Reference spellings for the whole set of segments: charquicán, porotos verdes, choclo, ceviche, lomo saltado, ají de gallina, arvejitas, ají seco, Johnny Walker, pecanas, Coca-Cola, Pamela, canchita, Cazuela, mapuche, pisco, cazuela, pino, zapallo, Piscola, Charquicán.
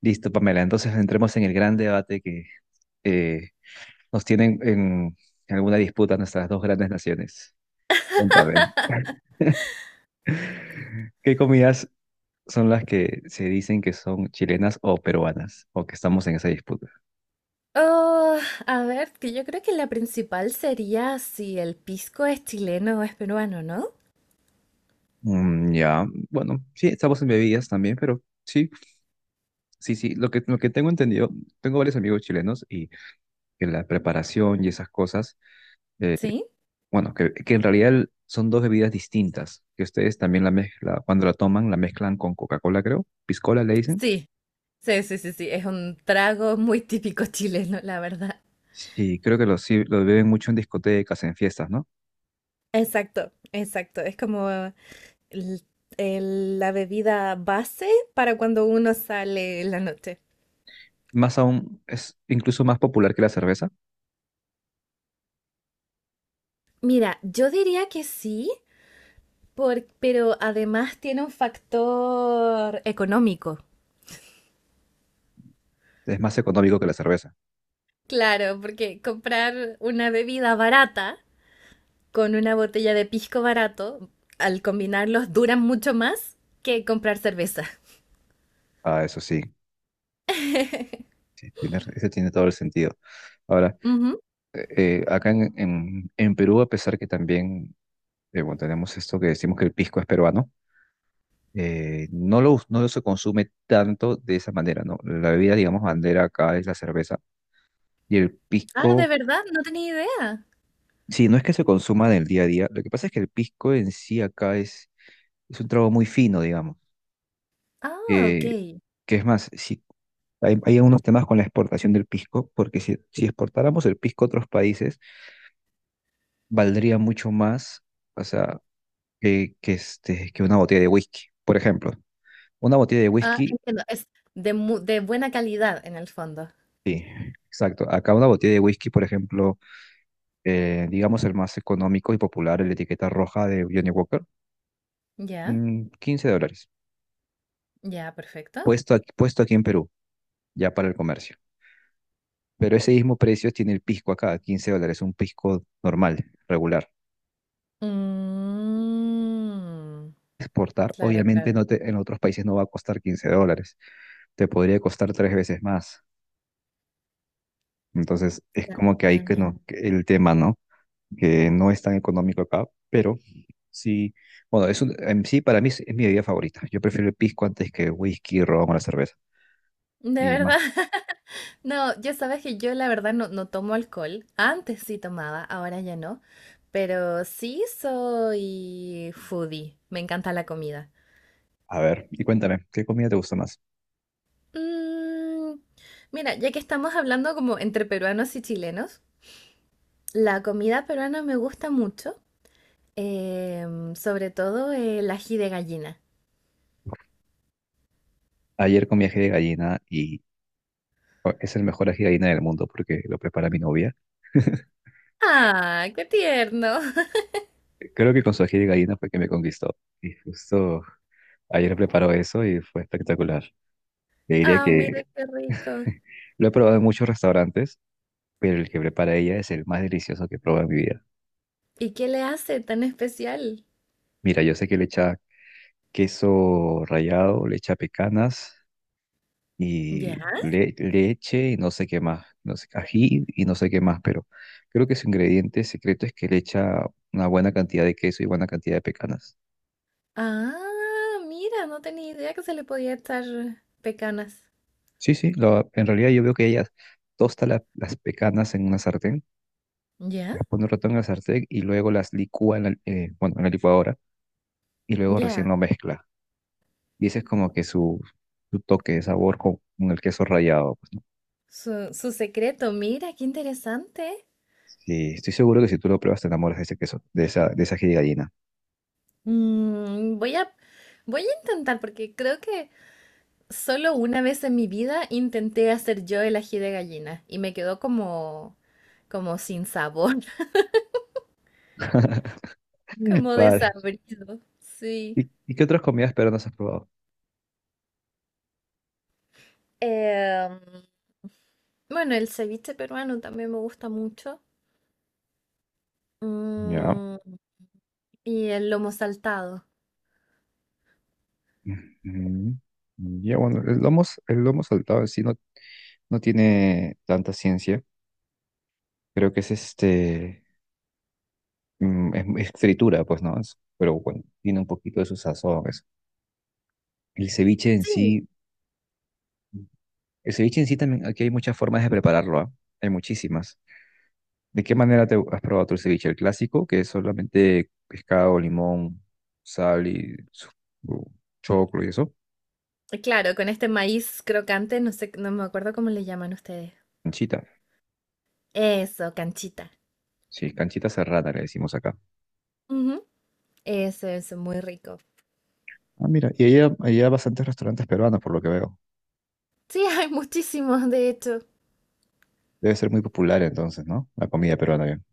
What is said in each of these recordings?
Listo, Pamela. Entonces entremos en el gran debate que eh, nos tienen en alguna disputa nuestras dos grandes naciones. Cuéntame. ¿Qué comidas son las que se dicen que son chilenas o peruanas? O que estamos en esa disputa. Oh, a ver, que yo creo que la principal sería si el pisco es chileno o es peruano, ¿no? Ya, bueno, sí, estamos en bebidas también, pero sí, sí, sí. Lo que tengo entendido, tengo varios amigos chilenos y que la preparación y esas cosas eh, ¿Sí? bueno, que en realidad son dos bebidas distintas, que ustedes también la mezcla, cuando la toman, la mezclan con Coca-Cola, creo. Piscola le dicen. Sí, sí, es un trago muy típico chileno, la verdad. Sí, creo que lo, sí, lo beben mucho en discotecas, en fiestas, ¿no? Exacto, exacto. Es como el- la bebida base para cuando uno sale en la noche. Más aún, es incluso más popular que la cerveza. Mira, yo diría que sí, pero además tiene un factor económico. Es más económico que la cerveza. Claro, porque comprar una bebida barata con una botella de pisco barato, al combinarlos duran mucho más que comprar cerveza. Ah, eso sí, sí, ese tiene todo el sentido. Ahora, Ujú. Acá en Perú, a pesar que también bueno, tenemos esto que decimos que el pisco es peruano, no se consume tanto de esa manera, ¿no? La bebida, digamos, bandera acá es la cerveza y el Ah, ¿de pisco, verdad? No tenía idea. sí, no es que se consuma en el día a día, lo que pasa es que el pisco en sí acá es un trago muy fino, digamos, Ah, ok. eh, que es más, si, hay algunos temas con la exportación del pisco, porque si exportáramos el pisco a otros países, valdría mucho más, o sea, que una botella de whisky, por ejemplo. Una botella de Ah, whisky, entiendo. Es de buena calidad en el fondo. sí, exacto. Acá una botella de whisky, por ejemplo, digamos el más económico y popular, el etiqueta roja de Johnny Walker, Ya, $15, ya, perfecto. Puesto aquí en Perú, ya para el comercio. Pero ese mismo precio tiene el pisco acá, $15, un pisco normal, regular. Mm, Exportar, claro, obviamente, claro. no te- en otros países no va a costar $15, te podría costar tres veces más. Entonces, es como que ahí que Claro. no, que el tema, ¿no? Que no es tan económico acá, pero sí, bueno, en sí para mí es mi bebida favorita. Yo prefiero el pisco antes que whisky, ron o la cerveza. ¿De Y más, verdad? No, ya sabes que yo la verdad no tomo alcohol. Antes sí tomaba, ahora ya no. Pero sí soy foodie. Me encanta la comida. a ver, y cuéntame, ¿qué comida te gusta más? Mm, mira, ya que estamos hablando como entre peruanos y chilenos, la comida peruana me gusta mucho. Sobre todo el ají de gallina. Ayer comí ají de gallina y es el mejor ají de gallina del mundo porque lo prepara mi novia. ¡Ah, qué tierno! Creo que con su ají de gallina fue que me conquistó. Y justo ayer preparó eso y fue espectacular. Le diría ¡Ah, que mira qué rico! lo he probado en muchos restaurantes, pero el que prepara ella es el más delicioso que he probado en mi vida. ¿Y qué le hace tan especial? Mira, yo sé que le echa queso rallado, le echa pecanas Ya. y leche y no sé qué más, no sé, ají y no sé qué más, pero creo que su ingrediente secreto es que le echa una buena cantidad de queso y buena cantidad de pecanas. Ah, mira, no tenía idea que se le podía echar pecanas. Sí, sí, en realidad yo veo que ella tosta las pecanas en una sartén, ¿Ya? las pone un rato en la sartén y luego las licúa bueno, en la licuadora y luego recién Ya. lo mezcla. Y ese es como que su toque de sabor con el queso rallado, pues. Su secreto, mira, qué interesante. Sí, estoy seguro que si tú lo pruebas te enamoras de ese queso, de esa ají de gallina. Mm, voy a, voy a intentar porque creo que solo una vez en mi vida intenté hacer yo el ají de gallina y me quedó como sin sabor, como Vale. desabrido. Sí. ¿Y qué otras comidas peruanas has probado? Em, bueno, el ceviche peruano también me gusta mucho. Ya. Mm, y el lomo saltado. Ujú. Ya, bueno, el lomo saltado en sí no tiene tanta ciencia. Creo que es fritura, pues, ¿no? Pero bueno, tiene un poquito de su sazón, eso. El ceviche en Sí, sí, el ceviche en sí también, aquí hay muchas formas de prepararlo, ¿ah? Hay muchísimas. ¿De qué manera te has probado tu ceviche? El clásico, que es solamente pescado, limón, sal y choclo y eso, claro, con este maíz crocante, no sé, no me acuerdo cómo le llaman ustedes. anchita. Eso, canchita. Sí, canchita cerrada le decimos acá. Ujú, eso, muy rico. Ah, mira, y ahí hay bastantes restaurantes peruanos, por lo que veo. Sí, hay muchísimos, de hecho. Debe ser muy popular entonces, ¿no? La comida peruana, bien.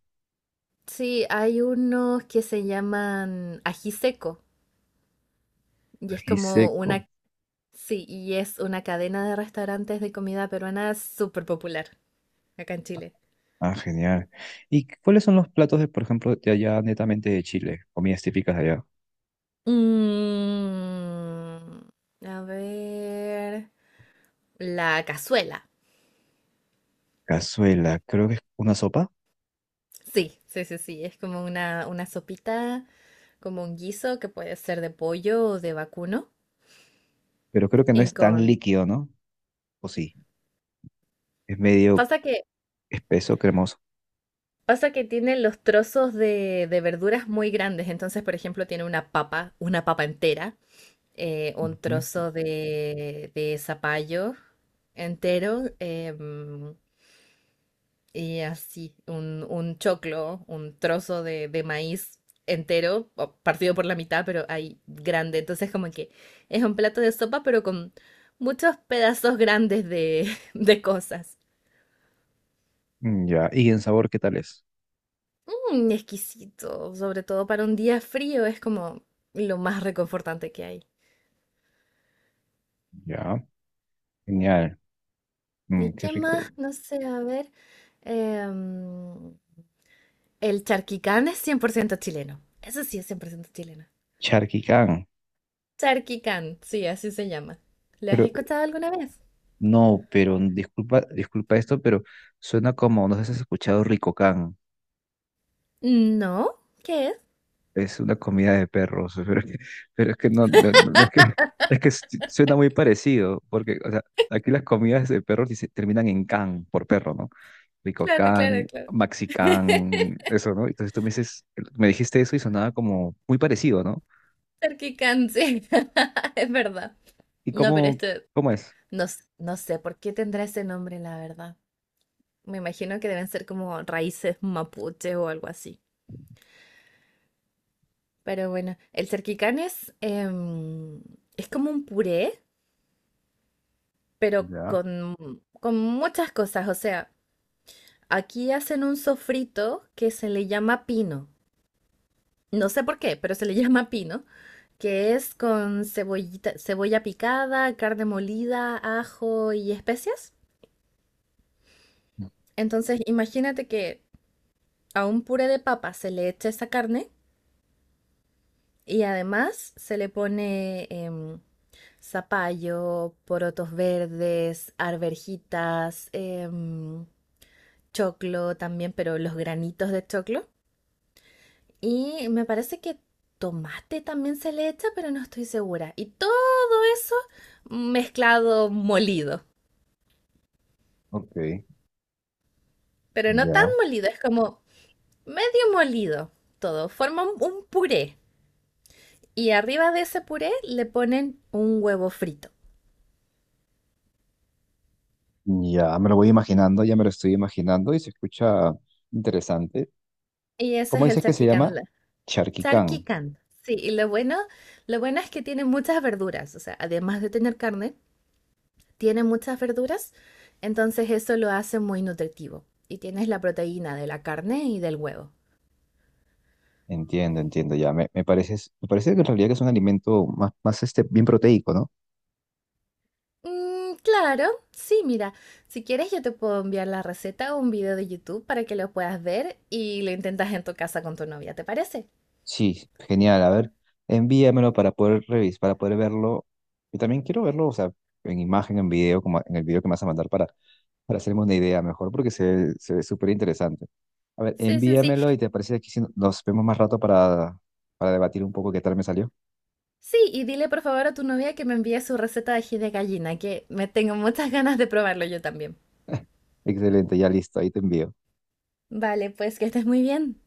Sí, hay unos que se llaman ají seco y es Ají seco. Sí, y es una cadena de restaurantes de comida peruana súper popular acá en Chile. Ah, genial. ¿Y cuáles son los platos de, por ejemplo, de allá, netamente de Chile? Comidas típicas de allá. Mm, a ver, la cazuela. Cazuela, creo que es una sopa, Sí, es como una sopita, como un guiso que puede ser de pollo o de vacuno. pero creo que no Y es tan con... líquido, ¿no? O sí, es medio Pasa que, espeso, cremoso. pasa que tiene los trozos de verduras muy grandes. Entonces, por ejemplo, tiene una papa entera, un Ujú. trozo de zapallo entero, y así, un choclo, un trozo de maíz entero, o partido por la mitad, pero ahí grande. Entonces, como que es un plato de sopa, pero con muchos pedazos grandes de, de cosas. Mm, ya, ¿y en sabor qué tal es? Mm, exquisito, sobre todo para un día frío, es como lo más reconfortante que hay. Ya, genial. ¿Y Qué qué más? rico. No sé, a ver. em, el charquicán es 100% chileno. Eso sí es 100% chileno. Charquicán. Charky Khan, sí, así se llama. ¿Lo has Pero escuchado alguna vez? no, pero disculpa, esto, pero suena como, no sé si has escuchado Ricocán, No, ¿qué es? es una comida de perros, pero es que no es que, es que suena muy parecido, porque, o sea, aquí las comidas de perros terminan en can, por perro, ¿no? Claro, Ricocán, claro, claro. Maxicán, eso, ¿no? Entonces tú me dices, me dijiste eso y sonaba como muy parecido, ¿no? Charky Khan, sí, es verdad. ¿Y No, pero cómo, esto, cómo es? no, s- no sé por qué tendrá ese nombre, la verdad. Me imagino que deben ser como raíces mapuche o algo así. Pero bueno, el cerquicán es, es como un puré, pero Ya, con muchas cosas. O sea, aquí hacen un sofrito que se le llama pino. No sé por qué, pero se le llama pino, que es con cebollita, cebolla picada, carne molida, ajo y especias. Entonces, imagínate que a un puré de papa se le echa esa carne y además se le pone zapallo, porotos verdes, arvejitas, choclo también, pero los granitos de choclo. Y me parece que tomate también se le echa, pero no estoy segura. Y todo eso mezclado, molido. ok, Pero no tan ya, molido, es como medio molido todo. Forma un puré. Y arriba de ese puré le ponen un huevo frito. ya, me lo voy imaginando, ya me lo estoy imaginando y se escucha interesante. Y eso ¿Cómo es el dices que se charquicán. llama? la- Charquicán. Charquicán. Sí, y lo bueno es que tiene muchas verduras. O sea, además de tener carne, tiene muchas verduras. Entonces eso lo hace muy nutritivo. Y tienes la proteína de la carne y del huevo. Entiendo, entiendo, ya. Me parece que en realidad que es un alimento más, más bien proteico, ¿no? Claro, sí, mira, si quieres yo te puedo enviar la receta o un video de YouTube para que lo puedas ver y lo intentas en tu casa con tu novia, ¿te parece? Sí, genial. A ver, envíamelo para poder revisar, para poder verlo. Y también quiero verlo, o sea, en imagen, en video, como en el video que me vas a mandar para hacerme una idea mejor, porque se ve súper interesante. A ver, Sí, sí, sí. envíamelo y te parece aquí si nos vemos más rato para debatir un poco qué tal me salió. Sí, y dile por favor a tu novia que me envíe su receta de ají de gallina, que me tengo muchas ganas de probarlo yo también. Excelente, ya listo, ahí te envío. Vale, pues que estés muy bien.